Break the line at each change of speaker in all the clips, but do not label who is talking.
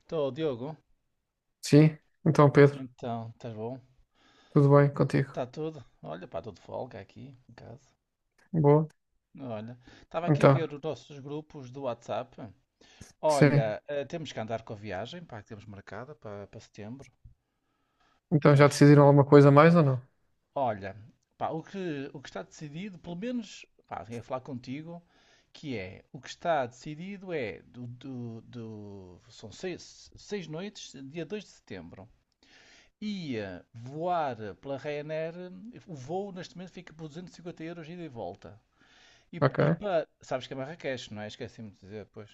Estou, Diogo.
Sim, então Pedro,
Então, estás bom?
tudo bem contigo?
Está tudo? Olha, pá, estou de folga aqui em casa.
Boa.
Olha, estava aqui a
Então,
ver os nossos grupos do WhatsApp.
sim.
Olha, temos que andar com a viagem, pá, que temos marcada para setembro.
Então já
Temos que-
decidiram alguma coisa a mais ou não?
Olha, pá, o que está decidido, pelo menos, pá, ia falar contigo, que é, o que está decidido é, são seis noites, dia 2 de setembro. Ia voar pela Ryanair, o voo neste momento fica por 250 € ida e volta. E
Ok.
para. Sabes que é Marrakech, não é? Esqueci-me de dizer depois.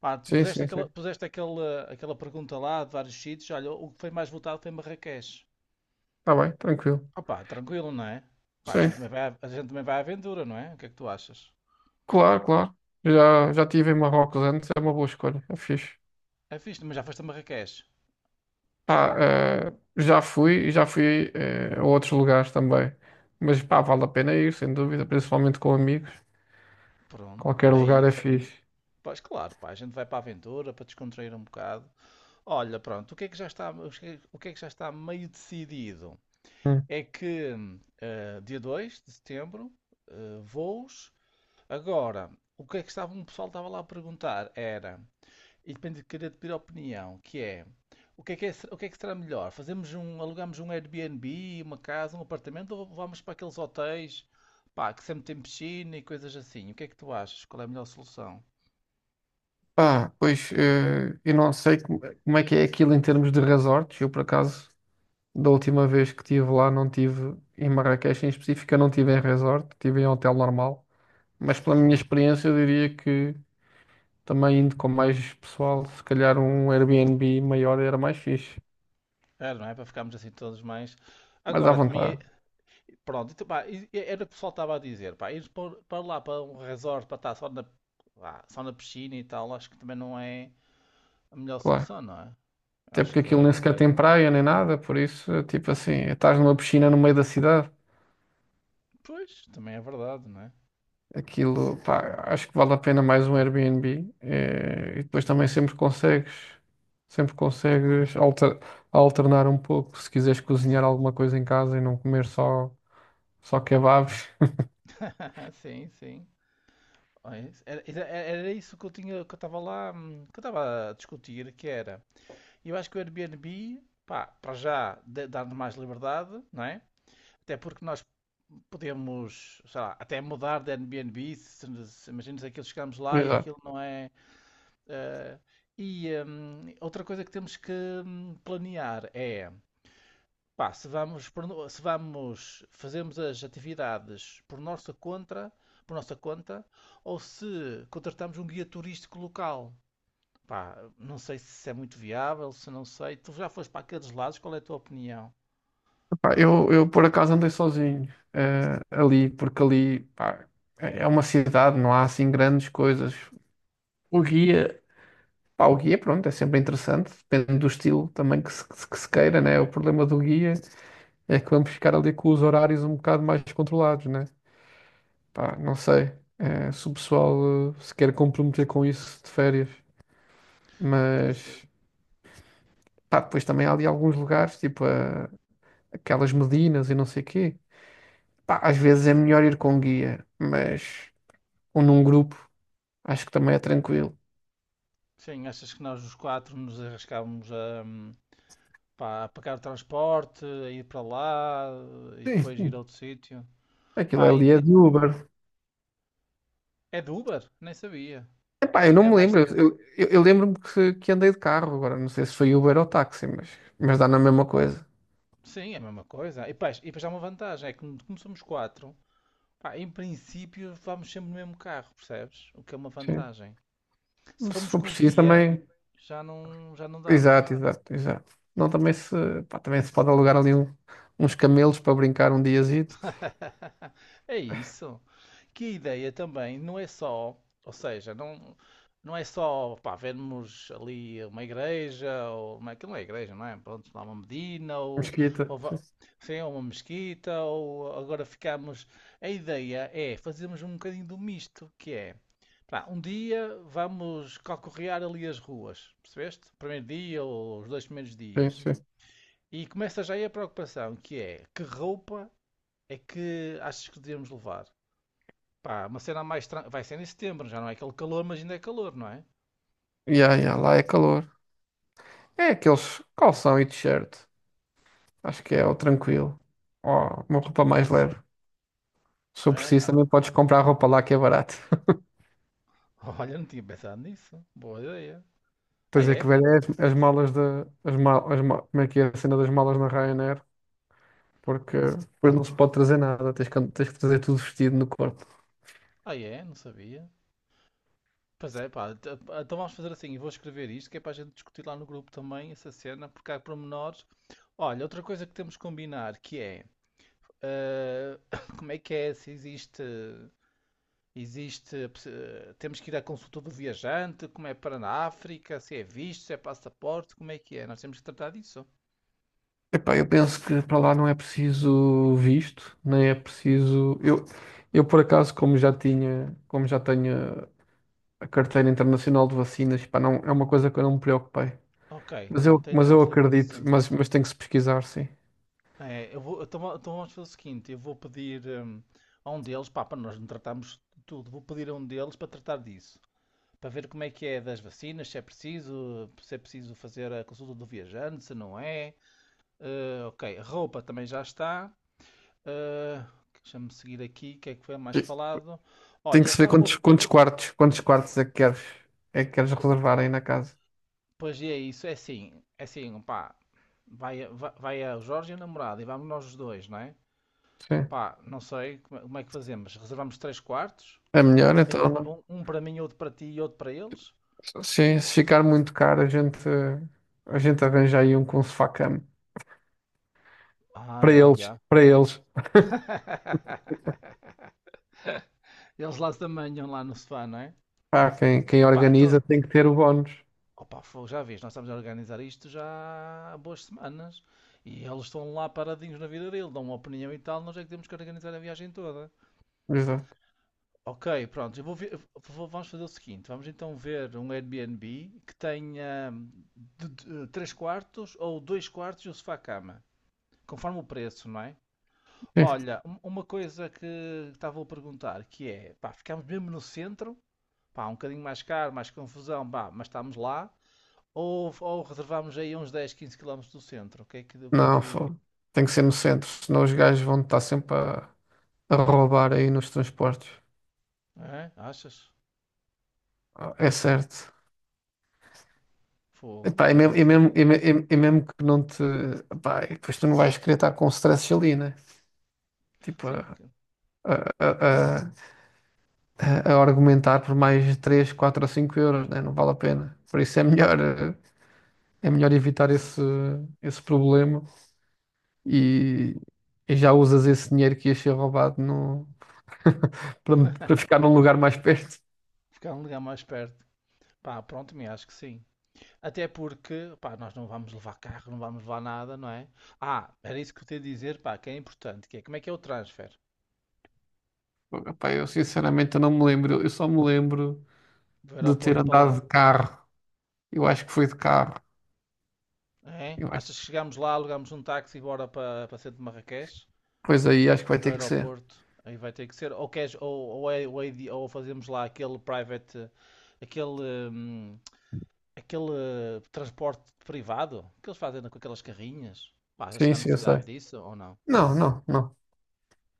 Pá, tu
Sim,
puseste
sim,
aquela,
sim.
puseste aquela, aquela pergunta lá de vários sítios. Olha, o que foi mais votado foi Marrakech.
Está bem, tranquilo.
Opá, tranquilo, não é? Pá,
Sim,
a gente também vai à aventura, não é? O que é que tu achas?
claro, claro. Já estive em Marrocos antes, é uma boa escolha, é fixe.
É fixe, mas já foste a Marrakech.
Pá, já fui e já fui a outros lugares também. Mas pá, vale a pena ir, sem dúvida, principalmente com amigos.
Pronto,
Qualquer
é
lugar é
isso.
fixe.
Pois claro, pá, a gente vai para a aventura para descontrair um bocado. Olha, pronto, o que é que já está, o que é que já está meio decidido?
Hum.
É que dia 2 de setembro, voos. Agora, o que é que estava, o pessoal estava lá a perguntar era, e depende de querer pedir opinião, que é, o que é que será melhor? Alugamos um Airbnb, uma casa, um apartamento ou vamos para aqueles hotéis, pá, que sempre tem piscina e coisas assim? O que é que tu achas? Qual é a melhor solução?
Pá, pois eu não sei como, como é que é aquilo em termos de resorts, eu por acaso. Da última vez que estive lá, não tive em Marrakech em específico, eu não estive em resort, estive em hotel normal. Mas pela minha experiência, eu diria que também indo com mais pessoal, se calhar um Airbnb maior era mais fixe.
Era, não é? Para ficarmos assim todos mais.
Mais à
Agora, também é.
vontade,
Pronto, então, pá, e era o que o pessoal estava a dizer, pá, ir para lá, para um resort, para estar só na piscina e tal, acho que também não é a melhor
claro.
solução, não é?
Até
Acho
porque
que
aquilo nem
é.
sequer tem praia nem nada, por isso, é tipo assim, estás numa piscina no meio da cidade.
Pois, também é verdade, não é?
Aquilo, pá, acho que vale a pena mais um Airbnb. Eh, e depois também sempre consegues alternar um pouco se quiseres cozinhar alguma coisa em casa e não comer só, só kebabs.
Sim, sim. Olha, era isso que eu tinha, que eu estava lá, que eu estava a discutir, que era. Eu acho que o Airbnb, pá, para já dá-nos mais liberdade, não é? Até porque nós podemos, sei lá, até mudar de Airbnb, se, imagina se aquilo chegamos lá e
Exato.
aquilo não é. Eh, e outra coisa que temos que planear é, pá, se vamos, fazemos as atividades por nossa conta, ou se contratamos um guia turístico local. Pá, não sei se isso é muito viável, se não sei. Tu já foste para aqueles lados, qual é a tua opinião?
Pá, eu por acaso andei sozinho, ali, porque ali, pá, é uma cidade, não há assim grandes coisas. O guia, pá, o guia, pronto, é sempre interessante, depende do estilo também que se queira, né? O problema do guia é que vamos ficar ali com os horários um bocado mais controlados, né? Pá, não sei, se o pessoal se quer comprometer com isso de férias,
Pois, é,
mas pá, depois
pois
também há
é.
ali alguns lugares, tipo aquelas Medinas e não sei quê. Pá, às vezes
Sim,
é melhor ir com guia, mas ou num grupo, acho que também é tranquilo.
sim, achas que nós os quatro nos arriscávamos a, pá, a pagar o transporte, a ir para lá e
Sim,
depois ir a
sim.
outro sítio?
Aquilo
Pá,
ali é de Uber.
É do Uber? Nem sabia.
Epá, eu
Pensei que
não
era
me
mais.
lembro. Eu lembro-me que andei de carro agora. Não sei se foi Uber ou táxi, mas dá na mesma coisa.
Sim, é a mesma coisa. E depois há uma vantagem: é que como somos quatro, pá, em princípio vamos sempre no mesmo carro, percebes? O que é uma
Sim.
vantagem. Se
Se
formos
for
com o
preciso
guia,
também.
já não dava.
Exato, exato, exato. Não, também se, pá, também se pode alugar ali uns camelos para brincar um diazito.
É isso. Que a ideia também não é só, ou seja, não, não é só pá, vermos ali uma igreja, ou uma, aquilo não é igreja, não é? Pronto, lá uma medina,
Mesquita.
ou va- sim, ou uma mesquita, ou agora ficamos. A ideia é fazermos um bocadinho do misto, que é pá, um dia vamos calcorrear ali as ruas, percebeste? Primeiro dia ou os dois primeiros
Sim,
dias.
sim, sim.
E começa já aí a preocupação, que é que roupa é que achas que devemos levar? Pá, uma cena mais. Vai ser em setembro, já não é aquele calor, mas ainda é calor, não é?
Ya, ya, lá é calor. É aqueles calção e t-shirt. Acho que é o tranquilo. Ó, uma roupa mais leve. Se eu preciso,
É?
também podes comprar roupa lá que é barato.
Ah, olha, não tinha pensado nisso. Boa ideia. Ah,
Tens é que
é?
ver é as, as malas da. As mal, as ma- Como é que é a cena das malas na Ryanair? Porque depois não se pode trazer nada. Tens que trazer tudo vestido no corpo.
Ah, é? Não sabia. Pois é, pá. Então vamos fazer assim. Eu vou escrever isto, que é para a gente discutir lá no grupo também essa cena, porque há pormenores. Olha, outra coisa que temos que combinar que é. eh, Como é que é? Se existe. Existe. Temos que ir à consulta do viajante, como é para na África, se é visto, se é passaporte, como é que é? Nós temos que tratar disso.
Epá, eu penso que para lá não é preciso visto, nem é preciso. Eu por acaso, como já tinha, como já tenho a carteira internacional de vacinas, pá, não, é uma coisa que eu não me preocupei.
Ok, pronto, aí
Mas
está
eu
resolvido,
acredito,
sim.
mas tem que se pesquisar, sim.
É, eu vou, então, va- então vamos fazer o seguinte, eu vou pedir a um deles, pá, para nós não tratarmos de tudo, vou pedir a um deles para tratar disso, para ver como é que é das vacinas, se é preciso fazer a consulta do viajante, se não é. Ok, a roupa também já está. Eh, deixa-me seguir aqui, o que é que foi mais
E
falado?
tem
Olha,
que
eles
se ver
estavam...
quantos,
a-
quantos quartos é que queres
po-
reservar aí na casa.
Pois é isso, é assim, pá, vai o Jorge e a namorada e vamos nós os dois, não é?
Sim.
Pá, não sei como é que fazemos. Reservamos três quartos?
É
Um
melhor
para mim,
então.
um, um para mim, outro para ti e outro para eles?
Sim, se ficar muito caro, a gente arranja aí um com sofá-cama
Ah,
para
ah,
eles,
já.
para eles.
Eles lá se amanham lá no sofá, não é?
Pá, quem, quem
Ah pá, então.
organiza tem que ter o bónus.
Opa, fogo, já vês, nós estamos a organizar isto já há boas semanas. E eles estão lá paradinhos na vida dele, dão uma opinião e tal, nós é que temos que organizar a viagem toda.
Exato.
Ok, pronto, eu vou ver- eu vou- vamos fazer o seguinte, vamos então ver um Airbnb que tenha três quartos ou dois quartos e um sofá-cama. Conforme o preço, não é?
É.
Olha, uma coisa que estava a perguntar, que é, pá, ficámos mesmo no centro, pá, um bocadinho mais caro, mais confusão, pá, mas estamos lá, ou reservámos aí uns 10, 15 quilómetros do centro, o que é que, o que é
Não,
que,
fogo. Tem que ser no centro, senão os gajos vão estar sempre a roubar aí nos transportes.
É? Achas?
Ah, é certo.
Fogo,
Epá, é
não tinha
mesmo, é
essa
mesmo,
ideia.
é mesmo que não te. Epá, e depois tu não vais querer estar com stress ali, né? Tipo,
Sim,
a, a, a, a argumentar por mais 3, 4 ou 5 euros, né? Não vale a pena. Por isso é melhor, é melhor evitar esse, esse problema e, e já usas esse dinheiro que ia ser roubado no, para, para ficar num lugar mais perto.
ficar um lugar mais perto, pá, pronto, me acho que sim. Até porque, pá, nós não vamos levar carro, não vamos levar nada, não é? Ah, era isso que eu te ia dizer, pá, que é importante, que é como é que é o transfer
Epá, eu sinceramente eu não me lembro. Eu só me lembro
do
de ter
aeroporto para lá?
andado de carro. Eu acho que foi de carro.
É?
Eu acho-
Achas que chegamos lá, alugamos um táxi e bora para, para centro de Marrakech?
Pois aí acho que vai
Para o
ter que ser.
aeroporto? Aí vai ter que ser. Ou, queres, ou, é de- ou fazemos lá aquele private. Aquele. hum, aquele Transporte privado que eles fazem com aquelas carrinhas. Pá, achas que
Sim,
há
sim, eu
necessidade
sei.
disso ou não?
Não, não, não.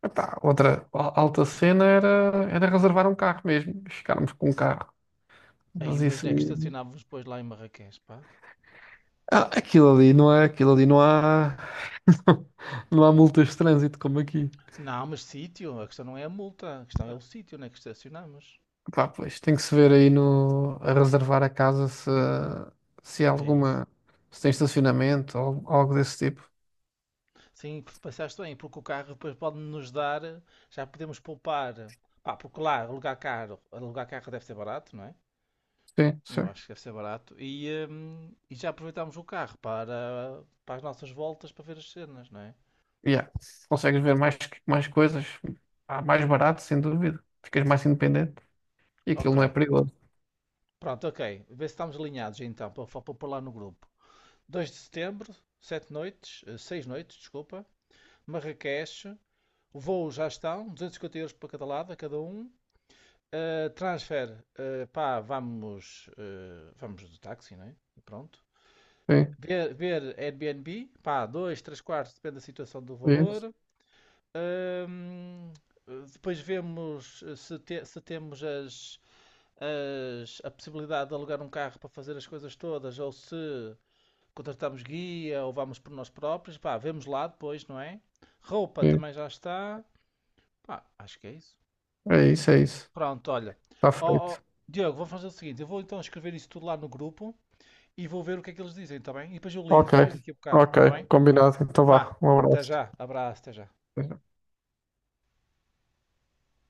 Epá, outra alta cena era, era reservar um carro mesmo. Ficarmos com um carro.
Aí,
Mas
mas onde
isso
é que
aí.
estacionávamos depois lá em Marrakech, pá?
Ah, aquilo ali não há, não há multas de trânsito como aqui.
Não, mas sítio. A questão não é a multa. A questão é o sítio onde é que estacionamos.
Pá, pois tem que se ver aí no, a reservar a casa se, se há
É isso.
alguma, se tem estacionamento ou algo desse tipo.
Sim, pensaste bem, porque o carro depois pode nos dar, já podemos poupar. Pá, porque lá alugar carro deve ser barato, não é?
Sim,
Eu
sim.
acho que deve ser barato. E já aproveitámos o carro para as nossas voltas para ver as cenas, não é?
Yeah. Consegues ver mais, mais coisas, ah, mais barato, sem dúvida. Ficas mais independente e aquilo
Ok,
não é perigoso.
pronto, ok. Vê se estamos alinhados então, para pôr lá no grupo. Dois de setembro, 7 noites, 6 noites, desculpa. Marrakech, o voo já estão, 250 € para cada lado, a cada um. Ah, transfer, ah, pá, vamos do táxi, né? E pronto.
Sim,
Ver Airbnb, pá, dois, três quartos, depende da situação do
é isso,
valor. Ahm, depois vemos se temos a possibilidade de alugar um carro para fazer as coisas todas, ou se contratamos guia, ou vamos por nós próprios, pá, vemos lá depois, não é? Roupa
sim.
também já está. Pá, acho que é isso.
É isso, é isso.
Pronto, olha.
Está
Ó, ó,
feito.
Diogo, vou fazer o seguinte: eu vou então escrever isso tudo lá no grupo e vou ver o que é que eles dizem, tá bem? E depois eu
Ok,
ligo-te mais daqui a bocado, tá
ok,
bem?
combinado. Então
Vá,
vá, um
até
abraço.
já, abraço, até já.